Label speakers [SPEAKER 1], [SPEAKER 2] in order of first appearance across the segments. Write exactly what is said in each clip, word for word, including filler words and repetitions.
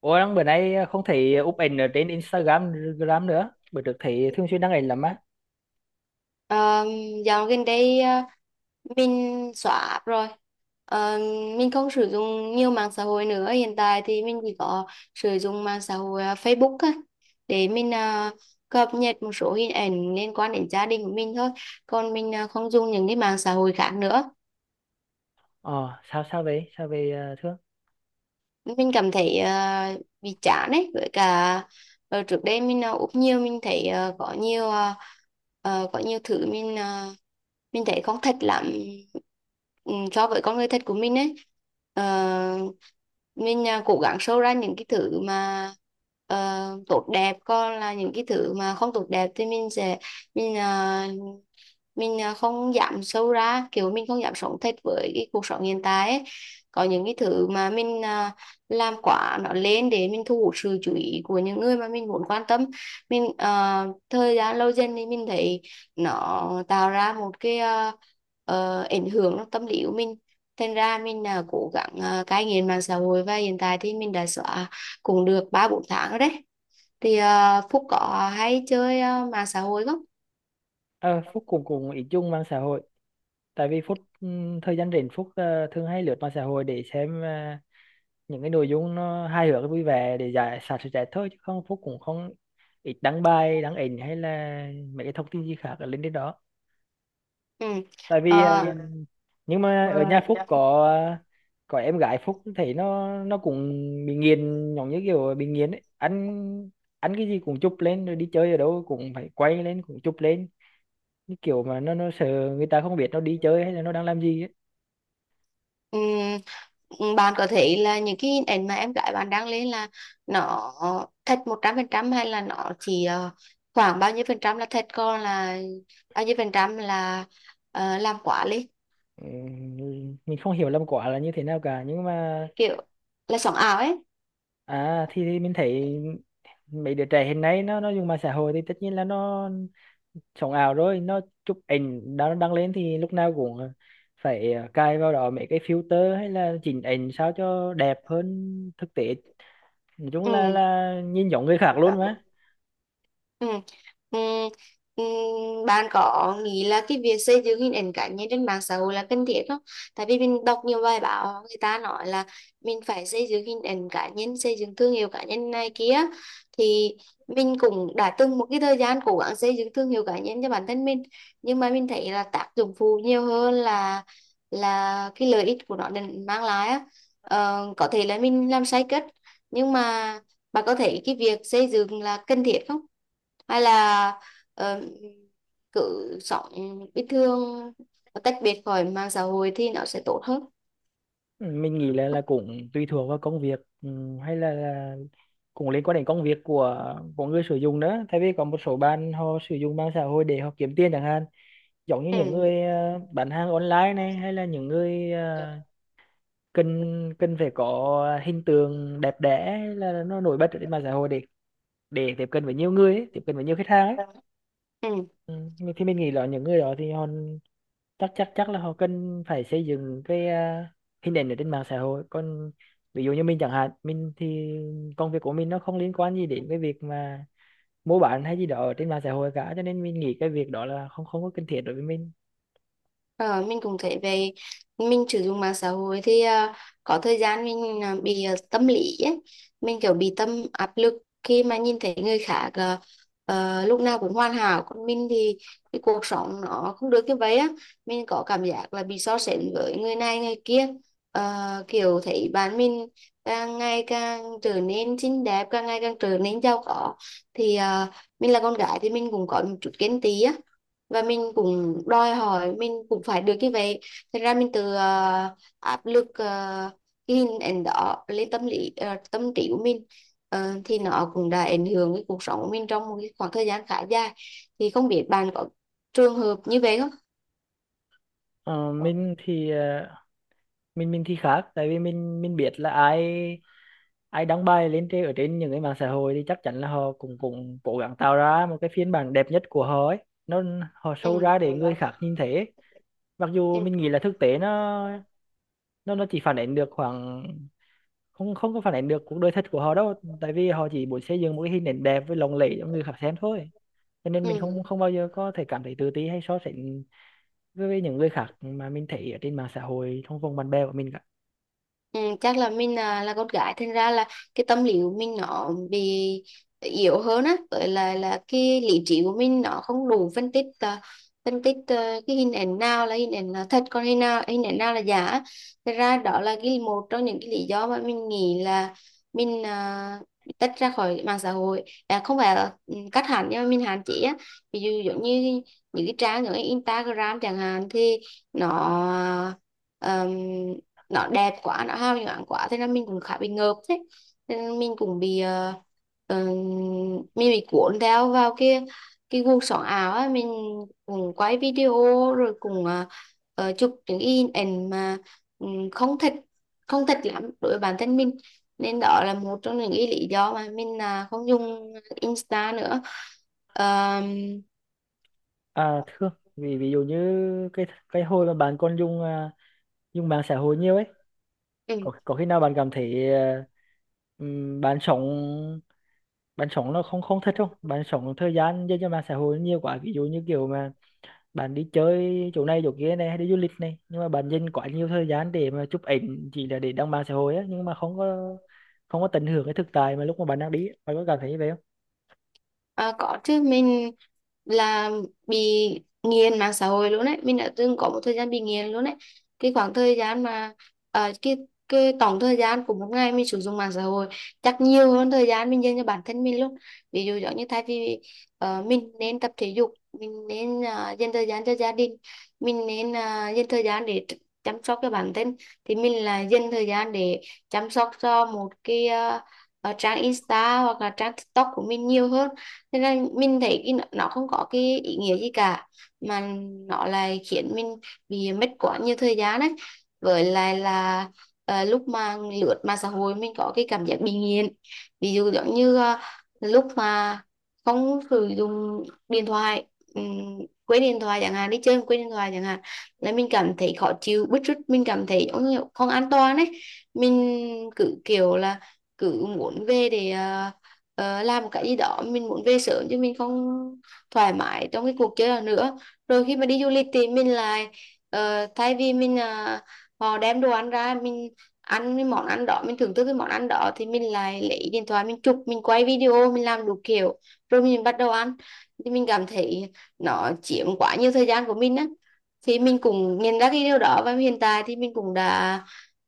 [SPEAKER 1] Ủa đang bữa nay không thấy úp ảnh ở trên Instagram Gram nữa. Bữa trước thấy thường xuyên đăng ảnh lắm á.
[SPEAKER 2] Ờ, dạo gần đây ờ, mình xóa app rồi. Ờ, mình không sử dụng nhiều mạng xã hội nữa, hiện tại thì mình chỉ có sử dụng mạng xã hội ờ, Facebook á, để mình ờ, cập nhật một số hình ảnh liên quan đến gia đình của mình thôi, còn mình ờ, không dùng những cái mạng xã hội khác nữa.
[SPEAKER 1] Ờ, sao sao vậy? Sao về ờ, Thương?
[SPEAKER 2] Mình cảm thấy ờ, bị chán ấy, với cả ờ, trước đây mình ờ, úp nhiều, mình thấy ờ, có nhiều ờ, ờ, có nhiều thứ mình ờ, mình thấy không thật lắm, ừ, so với con người thật của mình ấy. Ờ, mình à, cố gắng show ra những cái thứ mà ờ, tốt đẹp, còn là những cái thứ mà không tốt đẹp thì mình sẽ mình à, mình à, không dám show ra, kiểu mình không dám sống thật với cái cuộc sống hiện tại ấy. Có những cái thứ mà mình ờ, làm quá nó lên để mình thu hút sự chú ý của những người mà mình muốn quan tâm. Mình ờ, thời gian lâu dần thì mình thấy nó tạo ra một cái ờ, ờ, ảnh hưởng trong tâm lý của mình. Thành ra mình là cố gắng uh, cai nghiện mạng xã hội, và hiện tại thì mình đã xóa cũng được ba bốn tháng rồi đấy. Thì ờ, Phúc có hay chơi ờ, mạng xã hội không?
[SPEAKER 1] Ờ, Phúc cũng cùng ý chung mạng xã hội. Tại vì Phúc ừm, thời gian rảnh Phúc ờ, thường hay lướt mạng xã hội để xem ờ, những cái nội dung nó hài hước vui vẻ để giải xả stress thôi, chứ không Phúc cũng không ít đăng bài, đăng ảnh hay là mấy cái thông tin gì khác ở lên trên đó.
[SPEAKER 2] Ừ.
[SPEAKER 1] Tại vì ờ,
[SPEAKER 2] Ờ.
[SPEAKER 1] nhưng mà ở nhà Phúc có có em gái Phúc thấy nó nó cũng bị nghiền, giống như kiểu bị nghiền ấy, ăn ăn cái gì cũng chụp lên, rồi đi chơi ở đâu cũng phải quay lên, cũng chụp lên, như kiểu mà nó nó sợ người ta không biết nó đi chơi hay là nó đang làm gì ấy.
[SPEAKER 2] Ừm, ừm, bạn có thấy là những cái hình ảnh mà em gái bạn đăng lên là nó thật một trăm phần trăm, hay là nó chỉ ờ, khoảng bao nhiêu phần trăm là thật, còn là bao nhiêu phần trăm là ờ, làm quá lên,
[SPEAKER 1] Ừ, mình không hiểu lắm quả là như thế nào cả, nhưng mà
[SPEAKER 2] kiểu là sống ảo ấy?
[SPEAKER 1] à thì, thì mình thấy mấy đứa trẻ hiện nay nó nó dùng mạng xã hội thì tất nhiên là nó sống ảo rồi, nó chụp ảnh đã đăng lên thì lúc nào cũng phải ờ, cài vào đó mấy cái filter hay là chỉnh ảnh sao cho đẹp hơn thực tế, nói chung
[SPEAKER 2] Ừ.
[SPEAKER 1] là là nhìn giống người khác luôn mà.
[SPEAKER 2] Ừ. Ừ. Ừ. Bạn có nghĩ là cái việc xây dựng hình ảnh cá nhân trên mạng xã hội là cần thiết không? Tại vì mình đọc nhiều bài báo, người ta nói là mình phải xây dựng hình ảnh cá nhân, xây dựng thương hiệu cá nhân này kia. Thì mình cũng đã từng một cái thời gian cố gắng xây dựng thương hiệu cá nhân cho bản thân mình. Nhưng mà mình thấy là tác dụng phụ nhiều hơn là là cái lợi ích của nó đem- mang lại á. Ờ, có thể là mình làm sai cách, nhưng mà bà có thấy cái việc xây dựng là cần thiết không? Hay là ờ, cứ sống bình thường, tách biệt khỏi mạng xã hội thì nó sẽ tốt hơn?
[SPEAKER 1] Ừ, mình nghĩ là là cũng tùy thuộc vào công việc, ừ, hay là, là cũng liên quan đến công việc của của người sử dụng nữa, tại vì có một số bạn họ sử dụng mạng xã hội để họ kiếm tiền chẳng hạn, giống như những
[SPEAKER 2] Ừ.
[SPEAKER 1] người ờ, bán hàng online này, hay là những người ờ, cần cần phải có hình tượng đẹp đẽ, là nó nổi bật ở trên mạng xã hội để để tiếp cận với nhiều người ấy, tiếp cận với nhiều khách hàng ấy.
[SPEAKER 2] Ừ.
[SPEAKER 1] ừ. Mình- thì mình nghĩ là những người đó thì họ chắc chắc chắc là họ cần phải xây dựng cái à, hình ảnh ở trên mạng xã hội, còn ví dụ như mình chẳng hạn, mình thì công việc của mình nó không liên quan gì đến cái việc mà mua bán hay gì đó ở trên mạng xã hội cả, cho nên mình nghĩ cái việc đó là không không có cần thiết đối với mình.
[SPEAKER 2] Ờ, mình cũng thấy về mình sử dụng mạng xã hội thì ờ, có thời gian mình ờ, bị ờ, tâm lý ấy. Mình kiểu bị tâm áp lực khi mà nhìn thấy người khác ờ, ờ, lúc nào cũng hoàn hảo, còn mình thì cái cuộc sống nó không được như vậy á, mình có cảm giác là bị so sánh với người này người kia. Ờ, kiểu thấy bạn mình càng ngày càng trở nên xinh đẹp, càng ngày càng trở nên giàu có, thì ờ, mình là con gái thì mình cũng có một chút ghen tị á, và mình cũng đòi hỏi mình cũng phải được như vậy. Thật ra mình từ ờ, áp lực ờ, cái hình ảnh đó lên tâm lý ờ, tâm trí của mình. Ờ, thì nó cũng đã ảnh hưởng cái cuộc sống của mình trong một cái khoảng thời gian khá dài. Thì không biết bạn có trường hợp như vậy không?
[SPEAKER 1] Ờ, mình thì à, mình mình thì khác, tại vì mình mình biết là ai ai đăng bài lên trên, ở trên những cái mạng xã hội, thì chắc chắn là họ cũng cũng cố gắng tạo ra một cái phiên bản đẹp nhất của họ ấy, nó họ
[SPEAKER 2] Ừ.
[SPEAKER 1] show ra để người khác nhìn thấy ấy. Mặc dù
[SPEAKER 2] Ừ.
[SPEAKER 1] mình nghĩ là thực tế nó nó nó chỉ phản ánh được khoảng, không không có phản ánh được cuộc đời thật của họ đâu, tại vì họ chỉ muốn xây dựng một cái hình ảnh đẹp với lộng lẫy cho người khác xem thôi, cho nên mình
[SPEAKER 2] Ừ.
[SPEAKER 1] không không bao giờ có thể cảm thấy tự ti hay so sánh với với những người khác mà mình thấy ở trên mạng xã hội trong vòng bạn bè của mình cả.
[SPEAKER 2] Ừ, chắc là mình à, là con gái thành ra là cái tâm lý của mình nó bị yếu hơn á, với lại là cái lý trí của mình nó không đủ phân tích, à, phân tích à, cái hình ảnh nào là hình ảnh là thật, còn hình nào hình ảnh nào là giả á. Thật ra đó là cái một trong những cái lý do mà mình nghĩ là mình à, bị tách ra khỏi mạng xã hội, à, không phải là ừ, cắt hẳn nhưng mà mình hạn chế á. Ví dụ giống như những cái trang như Instagram chẳng hạn thì nó um, nó đẹp quá, nó hào nhoáng quá, thế là mình cũng khá bị ngợp. Thế thế nên mình cũng bị ờ, ờ, mình bị cuốn theo vào cái cái guồng sóng ảo á, mình cũng quay video rồi cũng ờ, ờ, chụp những cái hình ảnh mà ừm, không thích không thích lắm đối với bản thân mình. Nên đó là một trong những cái lý do mà mình à, không dùng Insta nữa. Ờm,
[SPEAKER 1] À thưa Vì ví dụ như cái cái hồi mà bạn còn dùng à, dùng mạng xã hội nhiều ấy,
[SPEAKER 2] ừ.
[SPEAKER 1] có có khi nào bạn cảm thấy à, ừm, bạn sống bạn sống nó không không thật không, bạn sống thời gian dành cho mạng xã hội nhiều quá, ví dụ như kiểu mà bạn đi chơi chỗ này chỗ kia này, hay đi du lịch này, nhưng mà bạn dành quá nhiều thời gian để mà chụp ảnh chỉ là để đăng mạng xã hội á, nhưng mà không có không có tận hưởng cái thực tại mà lúc mà bạn đang đi ấy. Bạn có cảm thấy như vậy?
[SPEAKER 2] À, có chứ, mình là bị nghiền mạng xã hội luôn đấy, mình đã từng có một thời gian bị nghiền luôn đấy. Cái khoảng thời gian mà ờ, cái cái tổng thời gian của một ngày mình sử dụng mạng xã hội chắc nhiều hơn thời gian mình dành cho bản thân mình luôn. Ví dụ giống như thay vì ờ, mình nên tập thể dục, mình nên ờ, dành thời gian cho gia đình, mình nên ờ, dành thời gian để ch- chăm sóc cho bản thân, thì mình là dành thời gian để chăm sóc cho một cái ờ, ờ, trang Insta hoặc là trang TikTok của mình nhiều hơn. Thế nên mình thấy cái nó nó không có cái ý nghĩa gì cả, mà nó lại khiến mình bị mất quá nhiều thời gian đấy. Với lại là ờ, lúc mà lướt mạng xã hội mình có cái cảm giác bị nghiện. Ví dụ giống như ờ, lúc mà không sử dụng điện thoại, ừm, quên điện thoại chẳng hạn, đi chơi mà quên điện thoại chẳng hạn, là mình cảm thấy khó chịu bứt rứt, mình cảm thấy giống như không an toàn ấy. Mình cứ kiểu là cứ muốn về để ờ, ờ, làm một cái gì đó, mình muốn về sớm chứ mình không thoải mái trong cái cuộc chơi đó nữa. Rồi khi mà đi du lịch thì mình lại ờ, thay vì mình ờ, họ đem đồ ăn ra mình ăn cái món ăn đó, mình thưởng thức cái món ăn đó, thì mình lại lấy điện thoại mình chụp mình quay video mình làm đủ kiểu rồi mình bắt đầu ăn. Thì mình cảm thấy nó chiếm quá nhiều thời gian của mình á. Thì mình cũng nhận ra cái điều đó và hiện tại thì mình cũng đã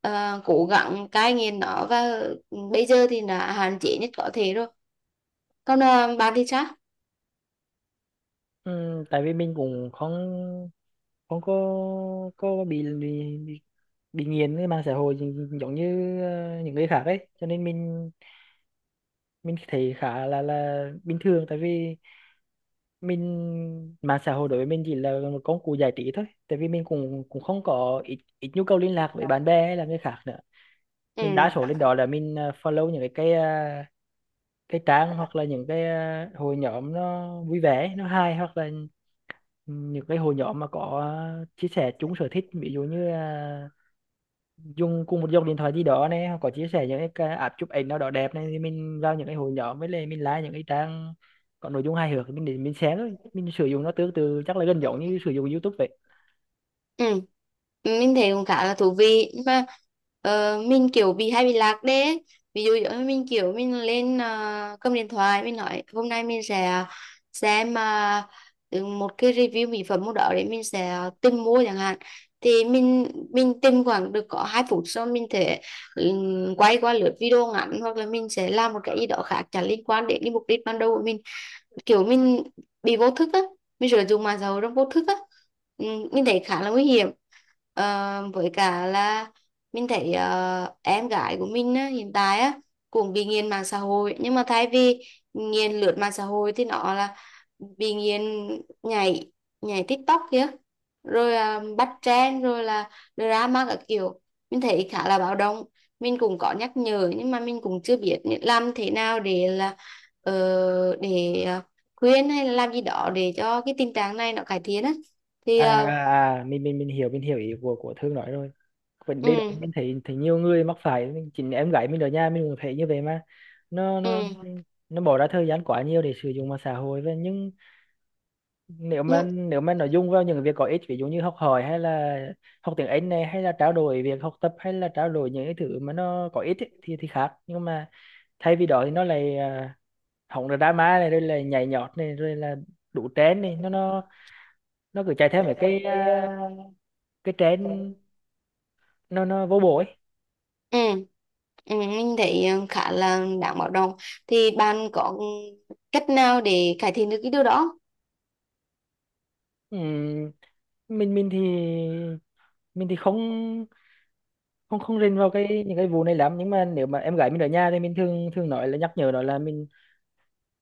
[SPEAKER 2] ờ, cố gắng cai nghiện nó, và bây giờ thì đã hạn chế nhất có thể rồi. Còn ờ, bạn thì sao?
[SPEAKER 1] Ừ, tại vì mình cũng không không có có bị bị bị, bị nghiện cái mạng xã hội gi- giống như ờ, những người khác ấy, cho nên mình mình thấy khá là là bình thường, tại vì mình, mạng xã hội đối với mình chỉ là một công cụ giải trí thôi, tại vì mình cũng cũng không có ít ít nhu cầu liên lạc với bạn bè hay là người khác nữa. Mình đa
[SPEAKER 2] Ừ.
[SPEAKER 1] số lên đó là mình ờ, follow những cái cái ờ, cái trang, hoặc là những cái ờ, hội nhóm nó vui vẻ nó hay, hoặc là những cái hội nhóm mà có à, chia sẻ chung sở thích, ví dụ như à, dùng cùng một dòng điện thoại gì đó này, hoặc có chia sẻ những cái ca- app chụp ảnh nào đó đẹp này, thì mình vào những cái hội nhóm, với lại mình like những cái trang có nội dung hài hước thì mình để mình share thôi. Mình sử dụng nó tương tự chắc là gần giống như sử dụng YouTube vậy.
[SPEAKER 2] Ừ. Mình thấy cũng khá là thú vị, nhưng mà ờ, mình kiểu bị hay bị lạc đấy. Ví dụ giống như mình kiểu mình lên ờ, cầm điện thoại, mình nói hôm nay mình sẽ xem ờ, ừ, một cái review mỹ phẩm một đó để mình sẽ tìm mua chẳng hạn, thì mình mình tìm khoảng được có hai phút sau mình thể ừ, quay qua lượt video ngắn hoặc là mình sẽ làm một cái gì đó khác chẳng liên quan đến cái mục đích ban đầu của mình. Kiểu mình bị vô thức á, mình sử dụng mạng xã hội trong vô thức á. ừ, mình thấy khá là nguy hiểm. Ờ, với cả là mình thấy ờ, em gái của mình á, hiện tại á, cũng bị nghiện mạng xã hội, nhưng mà thay vì nghiện lướt mạng xã hội thì nó là bị nghiện nhảy nhảy TikTok kia, rồi à, bắt trend, rồi là drama các kiểu. Mình thấy khá là báo động, mình cũng có nhắc nhở, nhưng mà mình cũng chưa biết làm thế nào để là ờ, để ờ, khuyên hay là làm gì đó để cho cái tình trạng này nó cải thiện á. Thì
[SPEAKER 1] à
[SPEAKER 2] ờ,
[SPEAKER 1] à à, à, mình mình mình hiểu, mình hiểu ý của của Thương nói rồi. Vấn
[SPEAKER 2] ừ.
[SPEAKER 1] đề đó mình thấy thấy nhiều người mắc phải, mình chính em gái mình ở nhà mình cũng thấy như vậy mà. nó nó
[SPEAKER 2] Ừ,
[SPEAKER 1] nó bỏ ra thời gian quá nhiều để sử dụng mạng xã hội, và nhưng nếu mà
[SPEAKER 2] nhưng
[SPEAKER 1] nếu mà nội dung vào những việc có ích, ví dụ như học hỏi hay là học tiếng Anh này, hay là trao đổi việc học tập, hay là trao đổi những cái thứ mà nó có ích ấy, thì thì khác. Nhưng mà thay vì đó thì nó lại à, hỏng rồi drama này, rồi là nhảy nhót này, rồi là đủ trend này, nó nó nó cứ chạy theo mấy cái à, cái trend, nó nó vô bổ ấy.
[SPEAKER 2] ừ. Ừ, mình thấy ờ, khá là đáng báo động. Thì bạn có cách nào để cải thiện được cái điều đó?
[SPEAKER 1] Ừm, mình mình thì mình thì không không không rình vào cái những cái vụ này lắm, nhưng mà nếu mà em gái mình ở nhà thì mình thường thường nói là nhắc nhở nó, là mình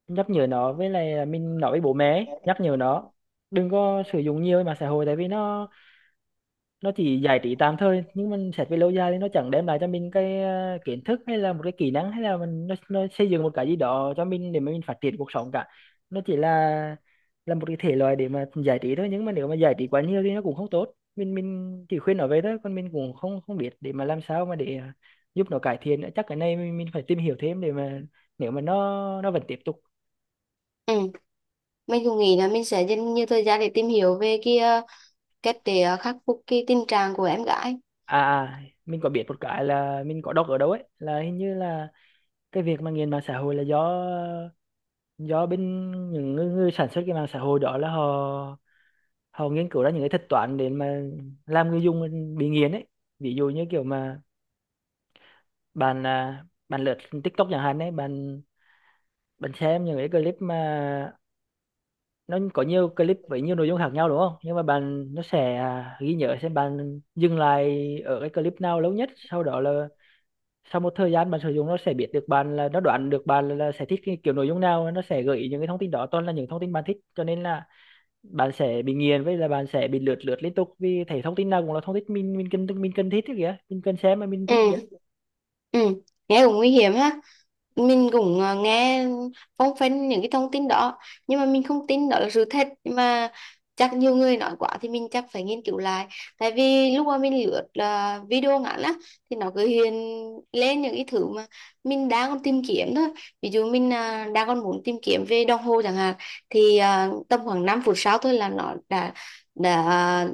[SPEAKER 1] nhắc nhở nó, với lại mình nói với bố mẹ ấy, nhắc nhở nó đừng có sử dụng nhiều mạng xã hội, tại vì nó nó chỉ giải trí tạm thời, nhưng mình xét về lâu dài thì nó chẳng đem lại cho mình cái ờ, kiến thức, hay là một cái kỹ năng, hay là mình nó, nó xây dựng một cái gì đó cho mình để mà mình phát triển cuộc sống cả. Nó chỉ là là một cái thể loại để mà giải trí thôi, nhưng mà nếu mà giải trí quá nhiều thì nó cũng không tốt. Mình mình chỉ khuyên nó vậy thôi, còn mình cũng không không biết để mà làm sao mà để ờ, giúp nó cải thiện nữa. Chắc cái này mình, mình phải tìm hiểu thêm để mà nếu mà nó nó vẫn tiếp tục.
[SPEAKER 2] Ừ, mình cũng nghĩ là mình sẽ dành nhiều thời gian để tìm hiểu về cái ờ, cách để ờ, khắc phục cái tình trạng của em gái.
[SPEAKER 1] À à, mình có biết một cái là mình có đọc ở đâu ấy, là hình như là cái việc mà nghiện mạng xã hội là do do bên những người, người sản xuất cái mạng xã hội đó, là họ họ nghiên cứu ra những cái thuật toán để mà làm người dùng bị nghiện ấy. Ví dụ như kiểu mà bạn à, bạn lướt TikTok chẳng hạn ấy, bạn bạn xem những cái clip mà nó có nhiều clip với nhiều nội dung khác nhau đúng không, nhưng mà bạn, nó sẽ à, ghi nhớ xem bạn dừng lại ở cái clip nào lâu nhất, sau đó là sau một thời gian bạn sử dụng, nó sẽ biết được bạn, là nó đoán được bạn là, là sẽ thích cái kiểu nội dung nào, nó sẽ gợi ý những cái thông tin đó, toàn là những thông tin bạn thích, cho nên là bạn sẽ bị nghiền, với là bạn sẽ bị lướt lướt liên tục, vì thấy thông tin nào cũng là thông tin mình, mình cần mình cần thích ấy kìa, mình cần xem mà mình
[SPEAKER 2] Ừ.
[SPEAKER 1] thích kìa.
[SPEAKER 2] Ừ. Nghe cũng nguy hiểm ha. Mình cũng ờ, nghe phong phanh những cái thông tin đó, nhưng mà mình không tin đó là sự thật. Nhưng mà chắc nhiều người nói quá thì mình chắc phải nghiên cứu lại. Tại vì lúc mà mình lướt là video ngắn á thì nó cứ hiện lên những cái thứ mà mình đang còn tìm kiếm thôi. Ví dụ mình à, đang còn muốn tìm kiếm về đồng hồ chẳng hạn, thì à, tầm khoảng năm phút sau thôi là nó đã đã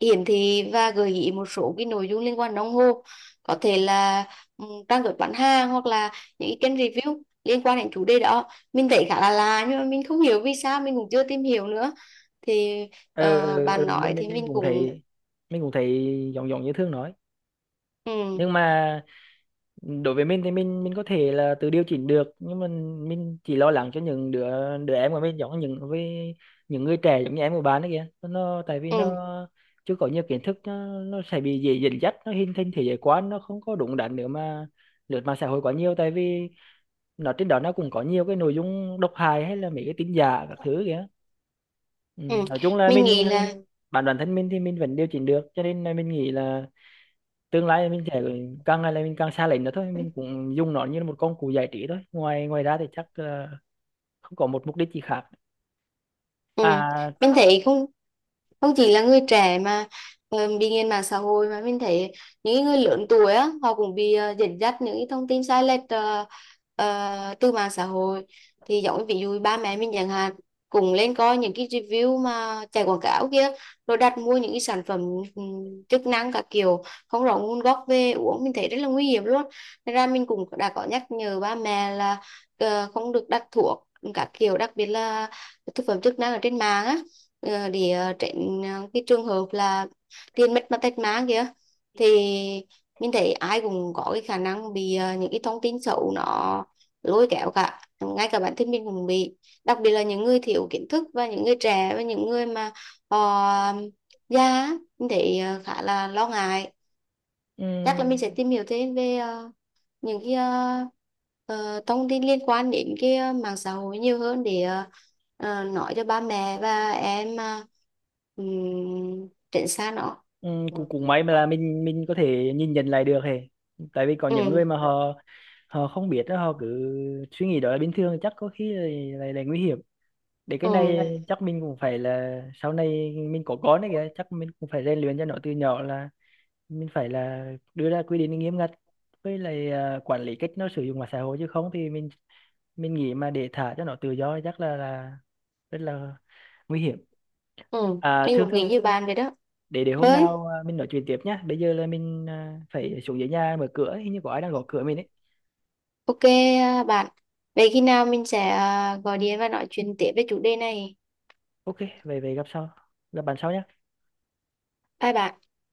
[SPEAKER 2] hiển thị và gợi ý một số cái nội dung liên quan đồng hồ, có thể là ừ, trang web bán hàng hoặc là những cái kênh review liên quan đến chủ đề đó. Mình thấy khá là lạ nhưng mà mình không hiểu vì sao, mình cũng chưa tìm hiểu nữa. Thì
[SPEAKER 1] ờ
[SPEAKER 2] ờ,
[SPEAKER 1] ờ ờ,
[SPEAKER 2] bạn nói
[SPEAKER 1] mình mình
[SPEAKER 2] thì
[SPEAKER 1] mình
[SPEAKER 2] mình
[SPEAKER 1] cũng
[SPEAKER 2] cũng
[SPEAKER 1] thấy, mình cũng thấy giống giống như Thương nói,
[SPEAKER 2] ừ,
[SPEAKER 1] nhưng mà đối với mình thì mình mình có thể là tự điều chỉnh được, nhưng mà mình chỉ lo lắng cho những đứa đứa em của mình, giống như những với những người trẻ giống như em của bạn ấy kìa, nó tại vì
[SPEAKER 2] ừ,
[SPEAKER 1] nó chưa có nhiều kiến thức, nó, nó sẽ bị dễ dẫn dắt, nó hình thành thế giới quan nó không có đúng đắn nữa, mà lướt mạng xã hội quá nhiều, tại vì nó trên đó nó cũng có nhiều cái nội dung độc hại hay là mấy cái tin giả các thứ kìa. Ừ.
[SPEAKER 2] ừ.
[SPEAKER 1] Nói chung là
[SPEAKER 2] Mình nghĩ
[SPEAKER 1] mình,
[SPEAKER 2] là
[SPEAKER 1] bản bản thân mình thì mình vẫn điều chỉnh được, cho nên là mình nghĩ là tương lai mình sẽ càng ngày là mình càng xa lệnh nữa thôi, mình cũng dùng nó như là một công cụ giải trí thôi, ngoài ngoài ra thì chắc ờ, không có một mục đích gì khác.
[SPEAKER 2] ừ.
[SPEAKER 1] à
[SPEAKER 2] Mình thấy không, không chỉ là người trẻ mà ờ, bị nghiện mạng xã hội, mà mình thấy những cái người lớn tuổi á họ cũng bị ờ, dẫn dắt những cái thông tin sai lệch ờ, ờ, từ mạng xã hội. Thì giống như ví dụ ba mẹ mình chẳng hạn, cùng lên coi những cái review mà chạy quảng cáo kia, rồi đặt mua những cái sản phẩm ừm, chức năng các kiểu không rõ nguồn gốc về uống, mình thấy rất là nguy hiểm luôn. Nên ra mình cũng đã có nhắc nhở ba mẹ là ờ, không được đặt thuốc các kiểu, đặc biệt là thực phẩm chức năng ở trên mạng á, ờ, để ờ, tránh ờ, cái trường hợp là tiền mất mà tật mang kia. Thì mình thấy ai cũng có cái khả năng bị ờ, những cái thông tin xấu nó lôi kéo cả, ngay cả bản thân mình cũng bị. Đặc biệt là những người thiếu kiến thức và những người trẻ và những người mà họ già á, mình thấy ờ, khá là lo ngại. Chắc là mình
[SPEAKER 1] um,
[SPEAKER 2] sẽ tìm hiểu thêm về ờ, những cái ờ, ờ, thông tin liên quan đến cái ờ, mạng xã hội nhiều hơn để ờ, ờ, nói cho ba mẹ và em ờ, ừm, tránh xa nó.
[SPEAKER 1] um, cũng cũng may mà là mình mình có thể nhìn nhận lại được hề, tại vì có những
[SPEAKER 2] Ừ.
[SPEAKER 1] người mà họ họ không biết đó, họ cứ suy nghĩ đó là bình thường, chắc có khi là, là, là nguy hiểm. Để cái này
[SPEAKER 2] Ừ.
[SPEAKER 1] chắc mình cũng phải là sau này mình có con đấy kìa, chắc mình cũng phải rèn luyện cho nó từ nhỏ, là mình phải là đưa ra quy định nghiêm ngặt, với lại à, quản lý cách nó sử dụng mạng xã hội, chứ không thì mình mình nghĩ mà để thả cho nó tự do chắc là là rất là nguy hiểm.
[SPEAKER 2] Ừ,
[SPEAKER 1] À
[SPEAKER 2] anh
[SPEAKER 1] thương,
[SPEAKER 2] cũng
[SPEAKER 1] thương
[SPEAKER 2] nghĩ như bạn vậy đó.
[SPEAKER 1] để để hôm
[SPEAKER 2] Ơi.
[SPEAKER 1] nào à, mình nói chuyện tiếp nhá, bây giờ là mình à, phải xuống dưới nhà mở cửa, hình như có ai đang gõ cửa mình ấy.
[SPEAKER 2] OK. Ờ, bạn, vậy khi nào mình sẽ ờ, gọi điện và nói chuyện tiếp về chủ đề này.
[SPEAKER 1] Ok, về về gặp sau, gặp bạn sau nhá.
[SPEAKER 2] Bye bạn.